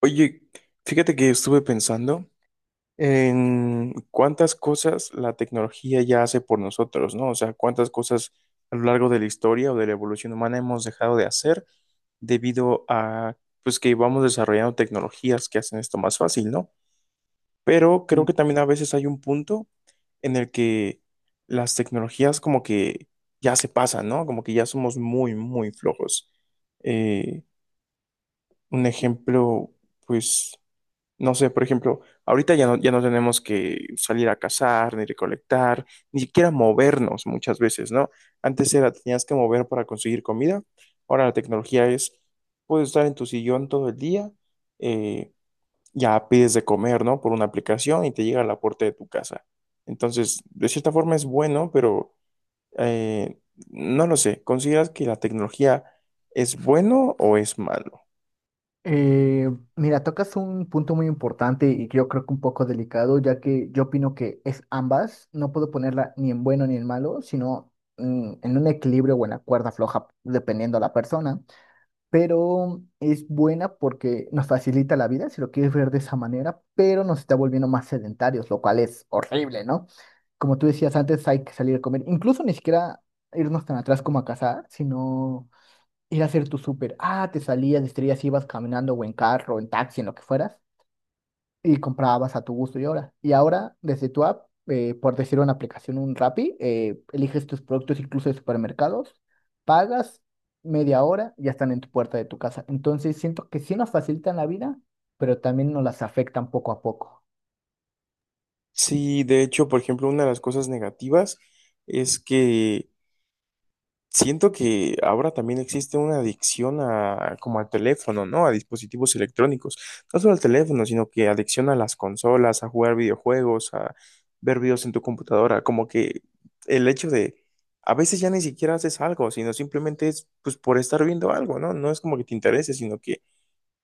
Oye, fíjate que estuve pensando en cuántas cosas la tecnología ya hace por nosotros, ¿no? O sea, cuántas cosas a lo largo de la historia o de la evolución humana hemos dejado de hacer debido a, pues, que vamos desarrollando tecnologías que hacen esto más fácil, ¿no? Pero creo Y, que también a veces hay un punto en el que las tecnologías como que ya se pasan, ¿no? Como que ya somos muy, muy flojos. Eh, un ejemplo, pues... No sé, por ejemplo, ahorita ya no, ya no tenemos que salir a cazar, ni recolectar, ni siquiera movernos muchas veces, ¿no? Antes era, tenías que mover para conseguir comida. Ahora la tecnología es, puedes estar en tu sillón todo el día, eh, ya pides de comer, ¿no? Por una aplicación y te llega a la puerta de tu casa. Entonces, de cierta forma es bueno, pero eh, no lo sé. ¿Consideras que la tecnología es bueno o es malo? eh, Mira, tocas un punto muy importante y yo creo que un poco delicado, ya que yo opino que es ambas, no puedo ponerla ni en bueno ni en malo, sino en un equilibrio o en la cuerda floja, dependiendo la persona, pero es buena porque nos facilita la vida, si lo quieres ver de esa manera, pero nos está volviendo más sedentarios, lo cual es horrible, ¿no? Como tú decías antes, hay que salir a comer, incluso ni siquiera irnos tan atrás como a cazar, sino ir a hacer tu súper. Ah, te salías, distraías, ibas caminando o en carro, en taxi, en lo que fueras, y comprabas a tu gusto y ahora. Y ahora, desde tu app, por decir una aplicación, un Rappi, eliges tus productos incluso de supermercados, pagas media hora y ya están en tu puerta de tu casa. Entonces, siento que sí nos facilitan la vida, pero también nos las afectan poco a poco. Sí, de hecho, por ejemplo, una de las cosas negativas es que siento que ahora también existe una adicción a, como al teléfono, ¿no? A dispositivos electrónicos. No solo al teléfono, sino que adicción a las consolas, a jugar videojuegos, a ver videos en tu computadora. Como que el hecho de, a veces ya ni siquiera haces algo, sino simplemente es, pues, por estar viendo algo, ¿no? No es como que te interese, sino que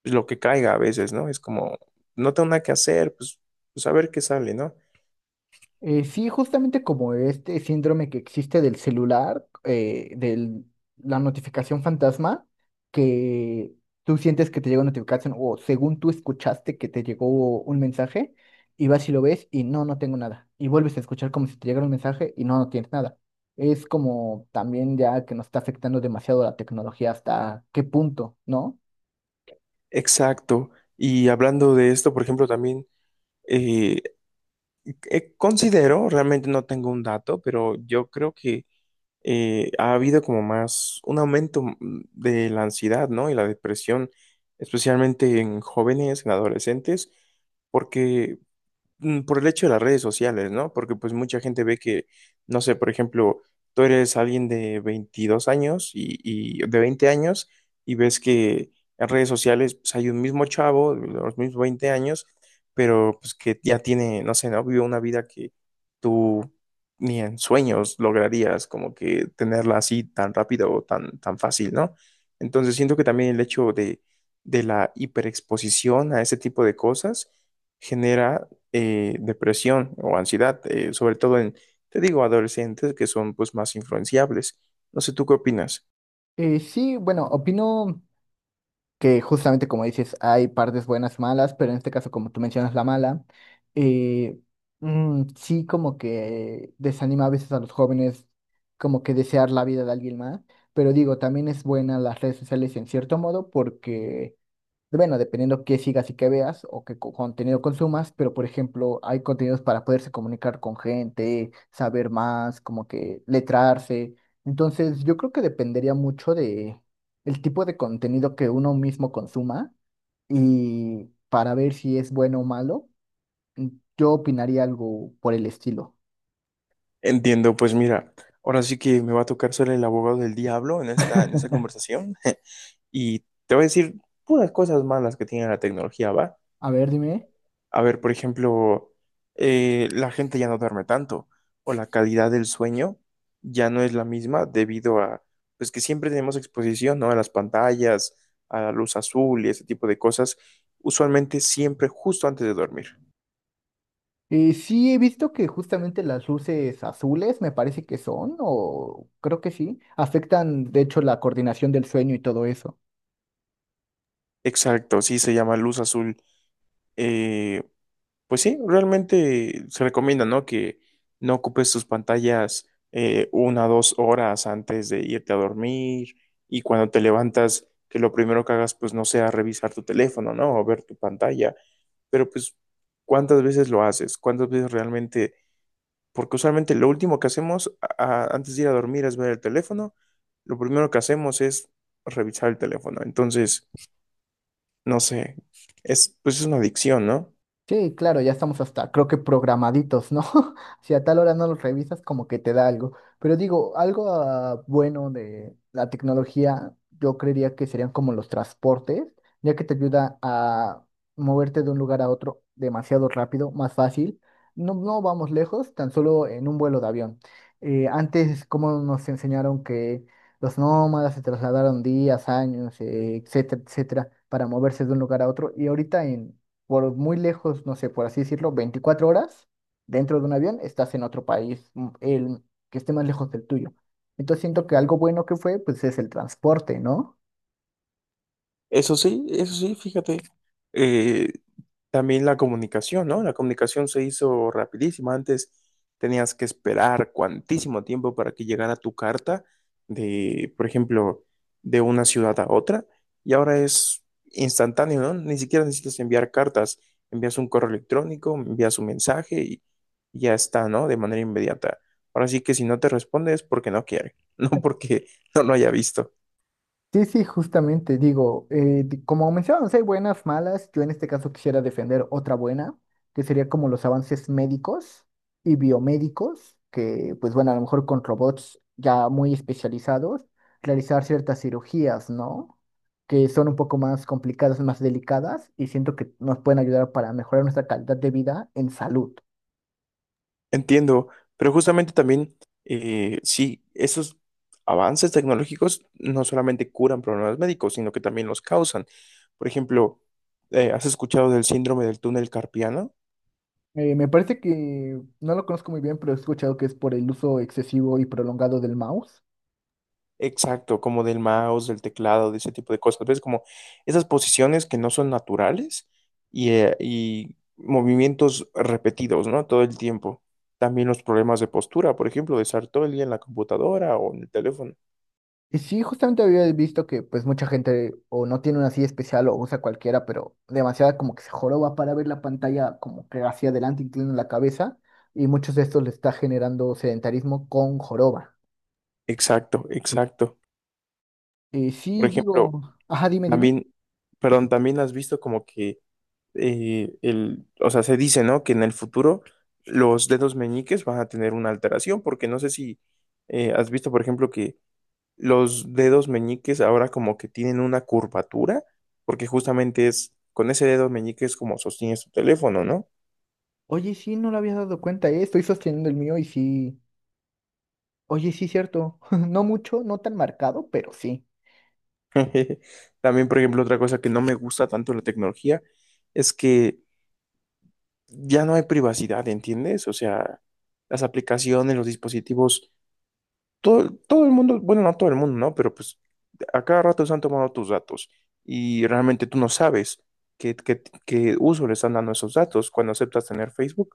pues, lo que caiga a veces, ¿no? Es como, no tengo nada que hacer, pues, pues a ver qué sale, ¿no? Sí, justamente como este síndrome que existe del celular, de la notificación fantasma, que tú sientes que te llega una notificación o según tú escuchaste que te llegó un mensaje y vas y lo ves y no, no tengo nada. Y vuelves a escuchar como si te llegara un mensaje y no, no tienes nada. Es como también ya que nos está afectando demasiado la tecnología hasta qué punto, ¿no? Exacto. Y hablando de esto, por ejemplo, también eh, considero, realmente no tengo un dato, pero yo creo que ha habido como más un aumento de la ansiedad, ¿no? Y la depresión, especialmente en jóvenes, en adolescentes, porque por el hecho de las redes sociales, ¿no? Porque pues mucha gente ve que, no sé, por ejemplo, tú eres alguien de 22 años y de 20 años y ves que en redes sociales pues, hay un mismo chavo de los mismos 20 años, pero pues que ya tiene, no sé, ¿no? Vive una vida que tú ni en sueños lograrías como que tenerla así tan rápido o tan, tan fácil, ¿no? Entonces siento que también el hecho de la hiperexposición a ese tipo de cosas genera depresión o ansiedad, sobre todo en, te digo, adolescentes que son pues más influenciables. No sé, ¿tú qué opinas? Sí, bueno, opino que justamente como dices, hay partes buenas, malas, pero en este caso, como tú mencionas, la mala, eh, sí como que desanima a veces a los jóvenes como que desear la vida de alguien más, pero digo, también es buena las redes sociales en cierto modo porque bueno, dependiendo qué sigas y qué veas o qué contenido consumas, pero por ejemplo, hay contenidos para poderse comunicar con gente, saber más, como que letrarse. Entonces, yo creo que dependería mucho de el tipo de contenido que uno mismo consuma y para ver si es bueno o malo, yo opinaría algo por el estilo. Entiendo, pues mira, ahora sí que me va a tocar ser el abogado del diablo en esta conversación y te voy a decir puras cosas malas que tiene la tecnología, ¿va? A ver, dime. A ver, por ejemplo, la gente ya no duerme tanto o la calidad del sueño ya no es la misma debido a, pues que siempre tenemos exposición, ¿no? A las pantallas, a la luz azul y ese tipo de cosas, usualmente siempre justo antes de dormir. Sí, he visto que justamente las luces azules, me parece que son, o creo que sí, afectan de hecho la coordinación del sueño y todo eso. Exacto, sí se llama luz azul. Eh, Pues sí, realmente se recomienda, ¿no? Que no ocupes tus pantallas una o dos horas antes de irte a dormir y cuando te levantas, que lo primero que hagas, pues no sea revisar tu teléfono, ¿no? O ver tu pantalla. Pero pues, ¿cuántas veces lo haces? ¿Cuántas veces realmente? Porque usualmente lo último que hacemos antes de ir a dormir es ver el teléfono. Lo primero que hacemos es revisar el teléfono. Entonces, no sé, es, pues es una adicción, ¿no? Sí, claro, ya estamos hasta, creo que programaditos, ¿no? Si a tal hora no los revisas, como que te da algo. Pero digo, algo bueno de la tecnología, yo creería que serían como los transportes, ya que te ayuda a moverte de un lugar a otro demasiado rápido, más fácil. No, no vamos lejos, tan solo en un vuelo de avión. Antes, como nos enseñaron que los nómadas se trasladaron días, años, etcétera, etcétera, para moverse de un lugar a otro, y ahorita en por muy lejos, no sé, por así decirlo, 24 horas dentro de un avión, estás en otro país, el que esté más lejos del tuyo. Entonces siento que algo bueno que fue, pues es el transporte, ¿no? Eso sí, fíjate. eh, También la comunicación, ¿no? La comunicación se hizo rapidísima. Antes tenías que esperar cuantísimo tiempo para que llegara tu carta de, por ejemplo, de una ciudad a otra. Y ahora es instantáneo, ¿no? Ni siquiera necesitas enviar cartas. Envías un correo electrónico, envías un mensaje y ya está, ¿no? De manera inmediata. Ahora sí que si no te responde es porque no quiere, no porque no lo haya visto. Sí, sí, justamente, digo, como mencionamos, hay buenas, malas, yo en este caso quisiera defender otra buena, que sería como los avances médicos y biomédicos, que pues bueno, a lo mejor con robots ya muy especializados, realizar ciertas cirugías, ¿no? Que son un poco más complicadas, más delicadas, y siento que nos pueden ayudar para mejorar nuestra calidad de vida en salud. Entiendo, pero justamente también, sí, esos avances tecnológicos no solamente curan problemas médicos, sino que también los causan. Por ejemplo, ¿has escuchado del síndrome del túnel carpiano? Me parece que no lo conozco muy bien, pero he escuchado que es por el uso excesivo y prolongado del mouse. Exacto, como del mouse, del teclado, de ese tipo de cosas. ¿Ves? Como esas posiciones que no son naturales y movimientos repetidos, ¿no? Todo el tiempo. También los problemas de postura, por ejemplo, de estar todo el día en la computadora o en el teléfono. Y sí, justamente había visto que pues mucha gente o no tiene una silla especial o usa cualquiera, pero demasiada como que se joroba para ver la pantalla como que hacia adelante inclina la cabeza y muchos de estos le está generando sedentarismo con joroba. Exacto, exacto. Y Por sí, ejemplo, digo, ajá, dime, dime. también, perdón, también has visto como que el, o sea, se dice, ¿no? Que en el futuro los dedos meñiques van a tener una alteración, porque no sé si has visto, por ejemplo, que los dedos meñiques ahora como que tienen una curvatura, porque justamente es con ese dedo meñique es como sostienes tu teléfono, ¿no? Oye, sí, no lo había dado cuenta, estoy sosteniendo el mío y sí. Oye, sí, cierto. No mucho, no tan marcado, pero sí. También, por ejemplo, otra cosa que no me gusta tanto de la tecnología es que ya no hay privacidad, ¿entiendes? O sea, las aplicaciones, los dispositivos todo, todo el mundo, bueno, no todo el mundo, ¿no? Pero pues a cada rato se han tomado tus datos y realmente tú no sabes qué, qué uso le están dando esos datos. Cuando aceptas tener Facebook,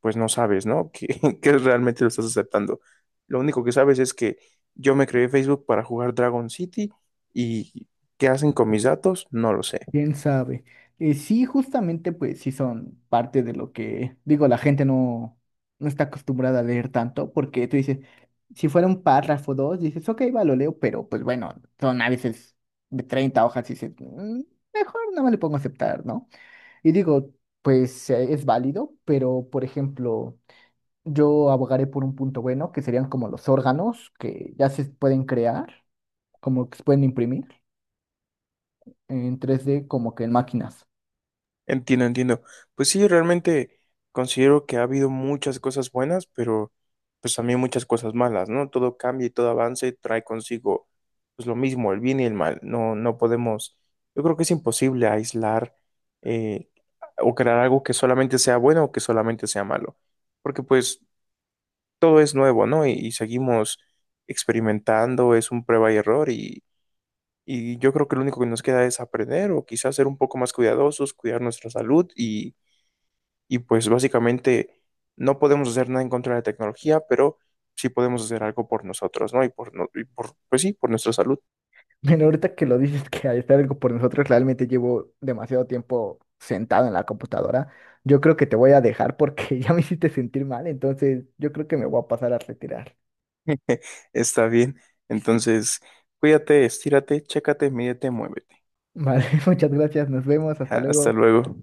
pues no sabes, ¿no? que realmente lo estás aceptando. Lo único que sabes es que yo me creé Facebook para jugar Dragon City y ¿qué hacen con mis datos? No lo sé. Quién sabe. Sí, justamente, pues sí son parte de lo que, digo, la gente no, no está acostumbrada a leer tanto, porque tú dices, si fuera un párrafo o dos, dices, ok, va, lo leo, pero pues bueno, son a veces de 30 hojas y dices, "Mm, mejor nada más le pongo aceptar, ¿no? Y digo, pues es válido, pero por ejemplo, yo abogaré por un punto bueno, que serían como los órganos que ya se pueden crear, como que se pueden imprimir en 3D como que en máquinas. Entiendo, entiendo. Pues sí, realmente considero que ha habido muchas cosas buenas, pero pues también muchas cosas malas, ¿no? Todo cambia y todo avance trae consigo pues lo mismo, el bien y el mal. No, no podemos, yo creo que es imposible aislar eh, o crear algo que solamente sea bueno o que solamente sea malo, porque pues todo es nuevo, ¿no? Y seguimos experimentando, es un prueba y error y yo creo que lo único que nos queda es aprender o quizás ser un poco más cuidadosos, cuidar nuestra salud y pues básicamente no podemos hacer nada en contra de la tecnología, pero sí podemos hacer algo por nosotros, ¿no? Y por, y por pues sí, por nuestra salud. Bueno, ahorita que lo dices que hay está algo por nosotros, realmente llevo demasiado tiempo sentado en la computadora. Yo creo que te voy a dejar porque ya me hiciste sentir mal, entonces yo creo que me voy a pasar a retirar. Está bien. Entonces, cuídate, estírate, chécate, mídete, muévete. Vale, muchas gracias, nos vemos, hasta Ja, hasta luego. luego.